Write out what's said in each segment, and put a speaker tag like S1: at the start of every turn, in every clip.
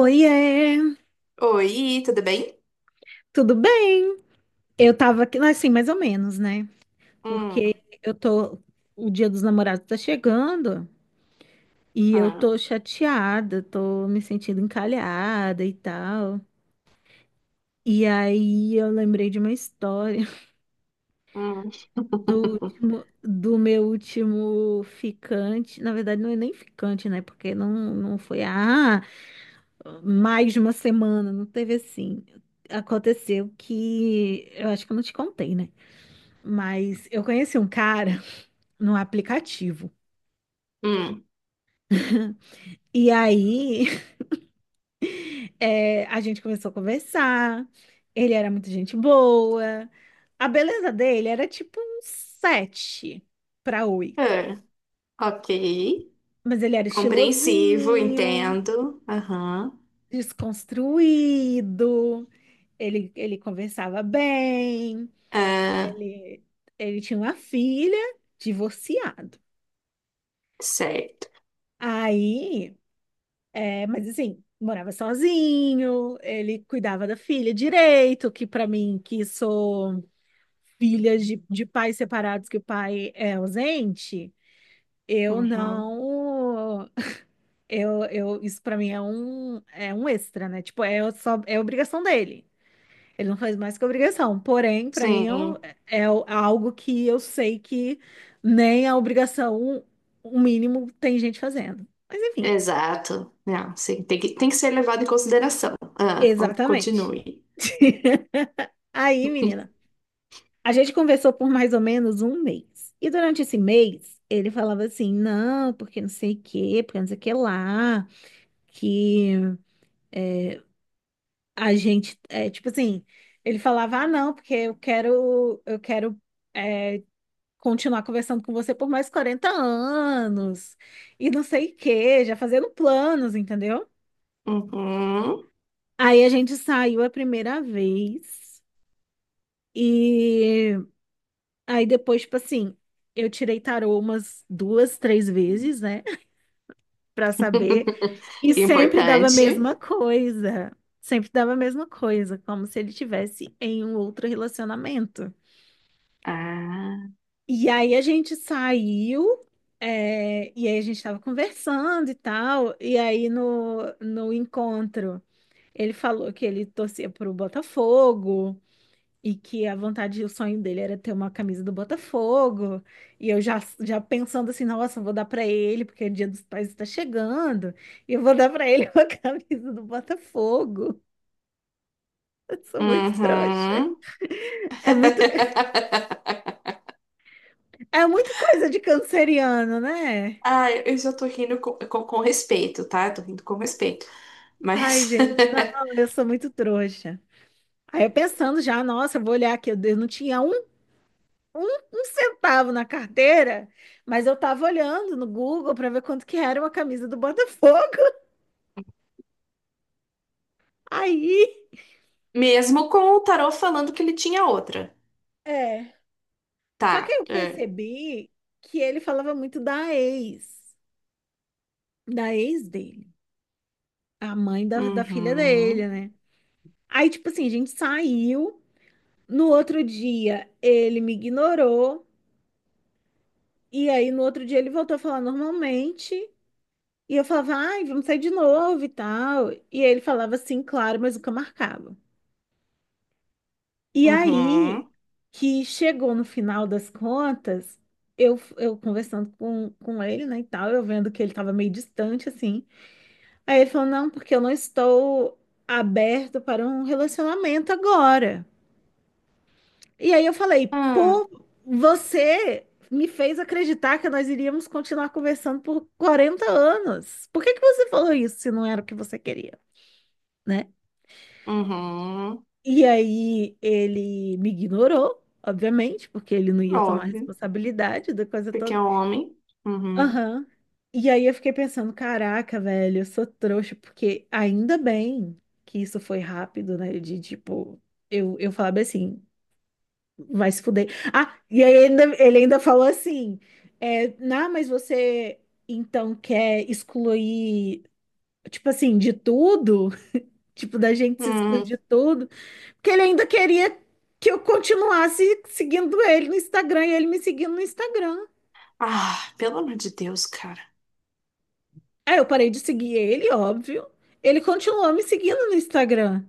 S1: Oiê,
S2: Oi, tudo bem?
S1: tudo bem? Eu tava aqui, assim, mais ou menos, né?
S2: Hum,
S1: Porque eu tô, o Dia dos Namorados tá chegando e eu
S2: ah,
S1: tô chateada, tô me sentindo encalhada e tal. E aí eu lembrei de uma história
S2: hum,
S1: do último, do meu último ficante. Na verdade, não é nem ficante, né? Porque não foi, mais de uma semana, não teve assim. Aconteceu que, eu acho que eu não te contei, né? Mas eu conheci um cara no aplicativo.
S2: hum,
S1: E aí, a gente começou a conversar. Ele era muito gente boa. A beleza dele era tipo um 7 para oito.
S2: ah, ok.
S1: Mas ele era
S2: Compreensivo,
S1: estilosinho,
S2: entendo. Aham.
S1: desconstruído. Ele conversava bem.
S2: Ah,
S1: Ele, ele tinha uma filha, divorciado.
S2: certo.
S1: Aí é, mas assim, morava sozinho, ele cuidava da filha direito, que para mim, que sou filha de pais separados, que o pai é ausente, eu
S2: Uhum.
S1: não. Isso para mim é um extra, né? Tipo, é só, é obrigação dele. Ele não faz mais que obrigação. Porém, para mim é, um-
S2: Sim,
S1: é algo que eu sei que nem a obrigação, o mínimo, tem gente fazendo. Mas enfim,
S2: exato. Não, sim, tem que ser levado em consideração. Ah, con-
S1: exatamente.
S2: continue.
S1: Aí, menina, a gente conversou por mais ou menos um mês. E durante esse mês, ele falava assim: não, porque não sei o quê, porque não sei o que lá, que a gente, é, tipo assim, ele falava: ah, não, porque é, continuar conversando com você por mais 40 anos, e não sei o quê, já fazendo planos, entendeu?
S2: Uhum.
S1: Aí a gente saiu a primeira vez. E aí depois, tipo assim, eu tirei tarô umas duas, três vezes, né? Pra saber. E sempre dava a
S2: Importante.
S1: mesma coisa. Sempre dava a mesma coisa, como se ele tivesse em um outro relacionamento.
S2: Ah,
S1: E aí a gente saiu, é, e aí a gente tava conversando e tal. E aí no encontro, ele falou que ele torcia pro Botafogo. E que a vontade, o sonho dele era ter uma camisa do Botafogo. E eu já pensando assim, nossa, eu vou dar para ele, porque o Dia dos Pais está chegando. E eu vou dar para ele uma camisa do Botafogo. Eu sou muito trouxa.
S2: uhum.
S1: É muito, é muito coisa de canceriano, né?
S2: Ah, eu já tô rindo com respeito, tá? Eu tô rindo com respeito.
S1: Ai,
S2: Mas,
S1: gente, não, eu sou muito trouxa. Aí eu pensando já, nossa, eu vou olhar aqui, eu não tinha um, um centavo na carteira, mas eu tava olhando no Google para ver quanto que era uma camisa do Botafogo. Aí,
S2: mesmo com o tarô falando que ele tinha outra.
S1: é. Só que aí
S2: Tá.
S1: eu
S2: É.
S1: percebi que ele falava muito da ex dele, a mãe da filha
S2: Uhum.
S1: dele, né? Aí, tipo assim, a gente saiu. No outro dia, ele me ignorou. E aí, no outro dia, ele voltou a falar normalmente. E eu falava, ai, vamos sair de novo e tal. E ele falava assim, claro, mas nunca marcava. E aí
S2: Uhum.
S1: que chegou no final das contas, eu conversando com ele, né, e tal, eu vendo que ele estava meio distante, assim. Aí ele falou, não, porque eu não estou aberto para um relacionamento agora. E aí eu falei,
S2: Hum.
S1: pô, você me fez acreditar que nós iríamos continuar conversando por 40 anos. Por que que você falou isso se não era o que você queria, né?
S2: Uhum.
S1: E aí ele me ignorou, obviamente, porque ele não ia tomar
S2: Óbvio.
S1: responsabilidade da coisa
S2: Porque
S1: toda.
S2: é homem. Uhum.
S1: Aham. E aí eu fiquei pensando, caraca, velho, eu sou trouxa, porque ainda bem que isso foi rápido, né? De tipo, eu falava assim, vai se fuder. Ah, e aí ele ainda falou assim, não, mas você então quer excluir, tipo assim, de tudo? Tipo, da gente se excluir
S2: Hum.
S1: de tudo? Porque ele ainda queria que eu continuasse seguindo ele no Instagram e ele me seguindo no Instagram.
S2: Ah, pelo amor de Deus, cara.
S1: Aí eu parei de seguir ele, óbvio. Ele continuou me seguindo no Instagram.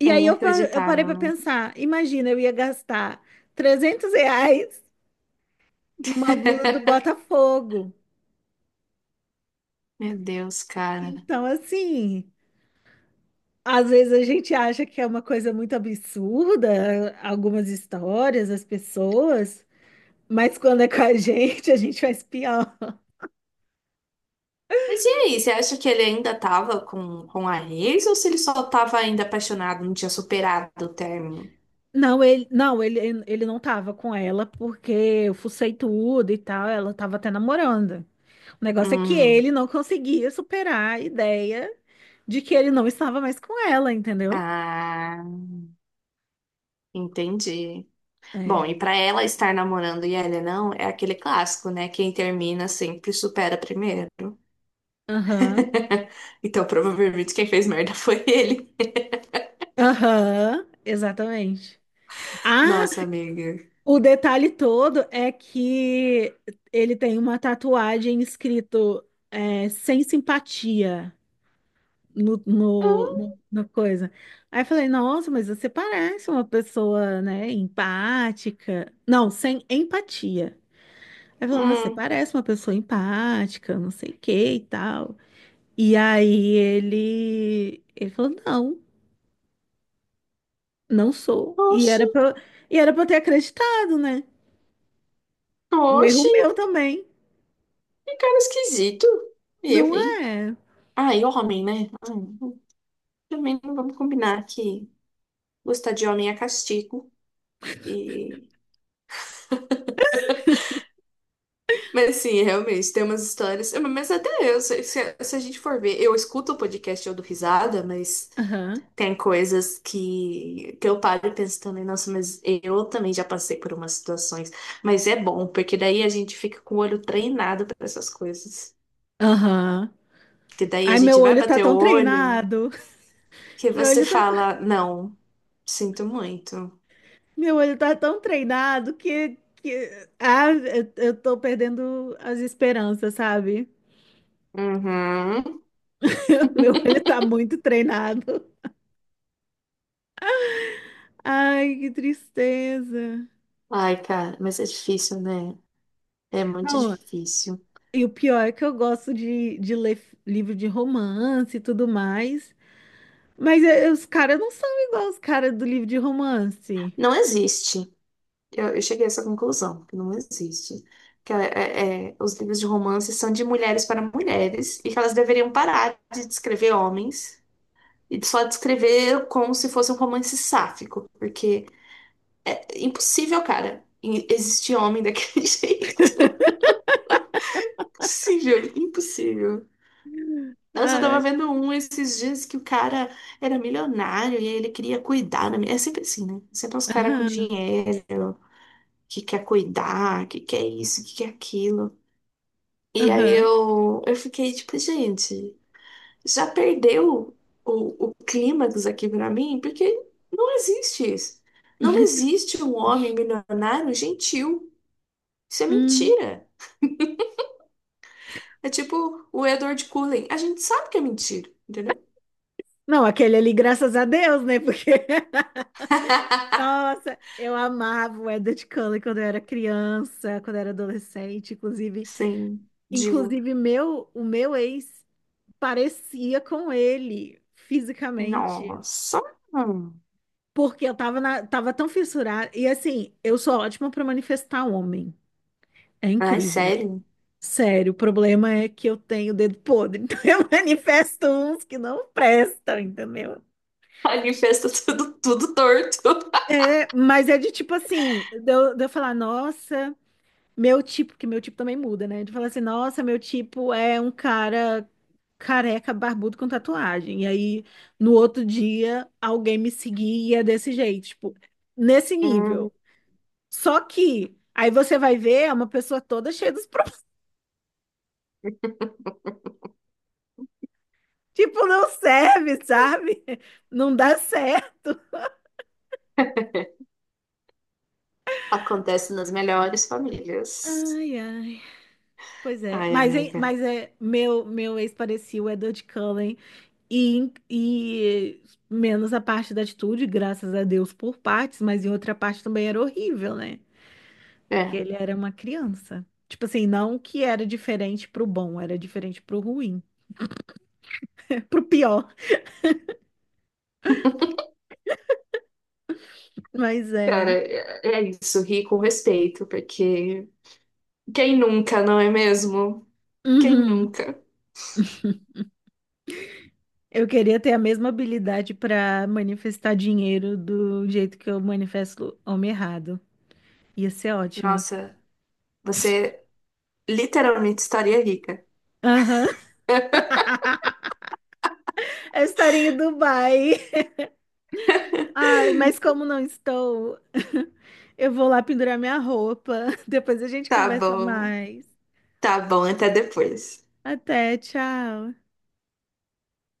S1: E
S2: É
S1: aí eu, eu parei
S2: inacreditável,
S1: para
S2: né?
S1: pensar: imagina, eu ia gastar R$ 300 numa blusa do Botafogo.
S2: Meu Deus, cara.
S1: Então, assim, às vezes a gente acha que é uma coisa muito absurda, algumas histórias, as pessoas, mas quando é com a gente, a gente faz pior.
S2: Mas e aí, você acha que ele ainda tava com a ex, ou se ele só tava ainda apaixonado, não tinha superado o término?
S1: Não, ele não tava com ela porque eu fucei tudo e tal, ela tava até namorando. O negócio é que
S2: Hum,
S1: ele não conseguia superar a ideia de que ele não estava mais com ela, entendeu?
S2: ah, entendi. Bom,
S1: É.
S2: e pra ela estar namorando e ele não, é aquele clássico, né? Quem termina sempre supera primeiro.
S1: Aham.
S2: Então, provavelmente quem fez merda foi ele.
S1: Aham, exatamente. Ah,
S2: Nossa, amiga.
S1: o detalhe todo é que ele tem uma tatuagem escrito sem simpatia.
S2: Hum,
S1: Na coisa. Aí eu falei, nossa, mas você parece uma pessoa, né, empática. Não, sem empatia. Aí falou, nossa, você
S2: hum.
S1: parece uma pessoa empática, não sei o que e tal. E aí ele falou, não, não sou. E
S2: Oxe,
S1: e era pra eu ter acreditado, né? O erro
S2: oxe,
S1: meu também.
S2: que cara esquisito. Eu,
S1: Não
S2: hein?
S1: é?
S2: Ai, homem, né? Ai, também não vamos combinar que gostar de homem é castigo. E... mas sim, é, realmente, tem umas histórias. É, mas até eu, se a gente for ver, eu escuto o podcast, eu dou risada, mas
S1: Aham,
S2: tem coisas que eu paro e penso também, nossa, mas eu também já passei por umas situações. Mas é bom, porque daí a gente fica com o olho treinado para essas coisas.
S1: aham.
S2: Que daí a
S1: Ai, meu
S2: gente vai
S1: olho tá
S2: bater o
S1: tão
S2: olho,
S1: treinado.
S2: que
S1: Meu
S2: você
S1: olho tá
S2: fala, não, sinto muito.
S1: Meu olho tá tão treinado que... Ah, eu tô perdendo as esperanças, sabe?
S2: Uhum.
S1: Meu olho tá muito treinado. Ai, que tristeza.
S2: Ai, cara, mas é difícil, né? É muito
S1: Não,
S2: difícil.
S1: e o pior é que eu gosto de ler livro de romance e tudo mais, mas os caras não são igual os caras do livro de romance.
S2: Não existe. Eu cheguei a essa conclusão, que não existe. Que é, os livros de romance são de mulheres para mulheres, e que elas deveriam parar de descrever homens e só descrever como se fosse um romance sáfico, porque é impossível, cara, em- existir homem daquele jeito. Impossível, impossível. Nossa, eu tava
S1: Ai,
S2: vendo um esses dias que o cara era milionário, e aí ele queria cuidar da minha. É sempre assim, né? Sempre os caras com
S1: aham,
S2: dinheiro, que quer cuidar, que quer isso, que quer aquilo. E aí
S1: aham.
S2: eu fiquei tipo, gente, já perdeu o clímax aqui pra mim, porque não existe isso. Não existe um homem milionário gentil. Isso é
S1: Hum.
S2: mentira. É tipo o Edward Cullen. A gente sabe que é mentira, entendeu?
S1: Não, aquele ali, graças a Deus, né? Porque Nossa, eu amava o Edward Cullen quando eu era criança, quando eu era adolescente, inclusive,
S2: Sim, divo.
S1: o meu ex parecia com ele fisicamente,
S2: Nossa. Hum.
S1: porque eu tava na, tava tão fissurada e assim, eu sou ótima para manifestar homem. É
S2: Ai,
S1: incrível.
S2: sério.
S1: Sério, o problema é que eu tenho dedo podre, então eu manifesto uns que não prestam, entendeu?
S2: Manifesta tudo, tudo torto.
S1: É, mas é de tipo assim, de eu falar, nossa, que meu tipo também muda, né? Tu fala assim, nossa, meu tipo é um cara careca, barbudo com tatuagem. E aí, no outro dia, alguém me seguia desse jeito, tipo, nesse nível. Só que aí você vai ver é uma pessoa toda cheia dos problemas. Tipo, não serve, sabe? Não dá certo.
S2: Hum. Acontece nas melhores famílias.
S1: Ai, ai. Pois é.
S2: Ai,
S1: Mas, hein,
S2: amiga.
S1: meu ex-parecido, o Edward Cullen. E menos a parte da atitude, graças a Deus por partes, mas em outra parte também era horrível, né? Porque
S2: É,
S1: ele era uma criança. Tipo assim, não que era diferente pro bom, era diferente pro ruim, pro pior. Mas
S2: cara,
S1: é.
S2: é é isso. Ri com respeito, porque quem nunca, não é mesmo? Quem
S1: Uhum.
S2: nunca?
S1: Eu queria ter a mesma habilidade pra manifestar dinheiro do jeito que eu manifesto homem errado. Ia ser ótimo.
S2: Nossa, você literalmente estaria rica.
S1: Aham. Eu estaria em Dubai. Ai, mas como não estou, eu vou lá pendurar minha roupa. Depois a gente
S2: Tá
S1: conversa
S2: bom,
S1: mais.
S2: tá bom, até depois.
S1: Até, tchau.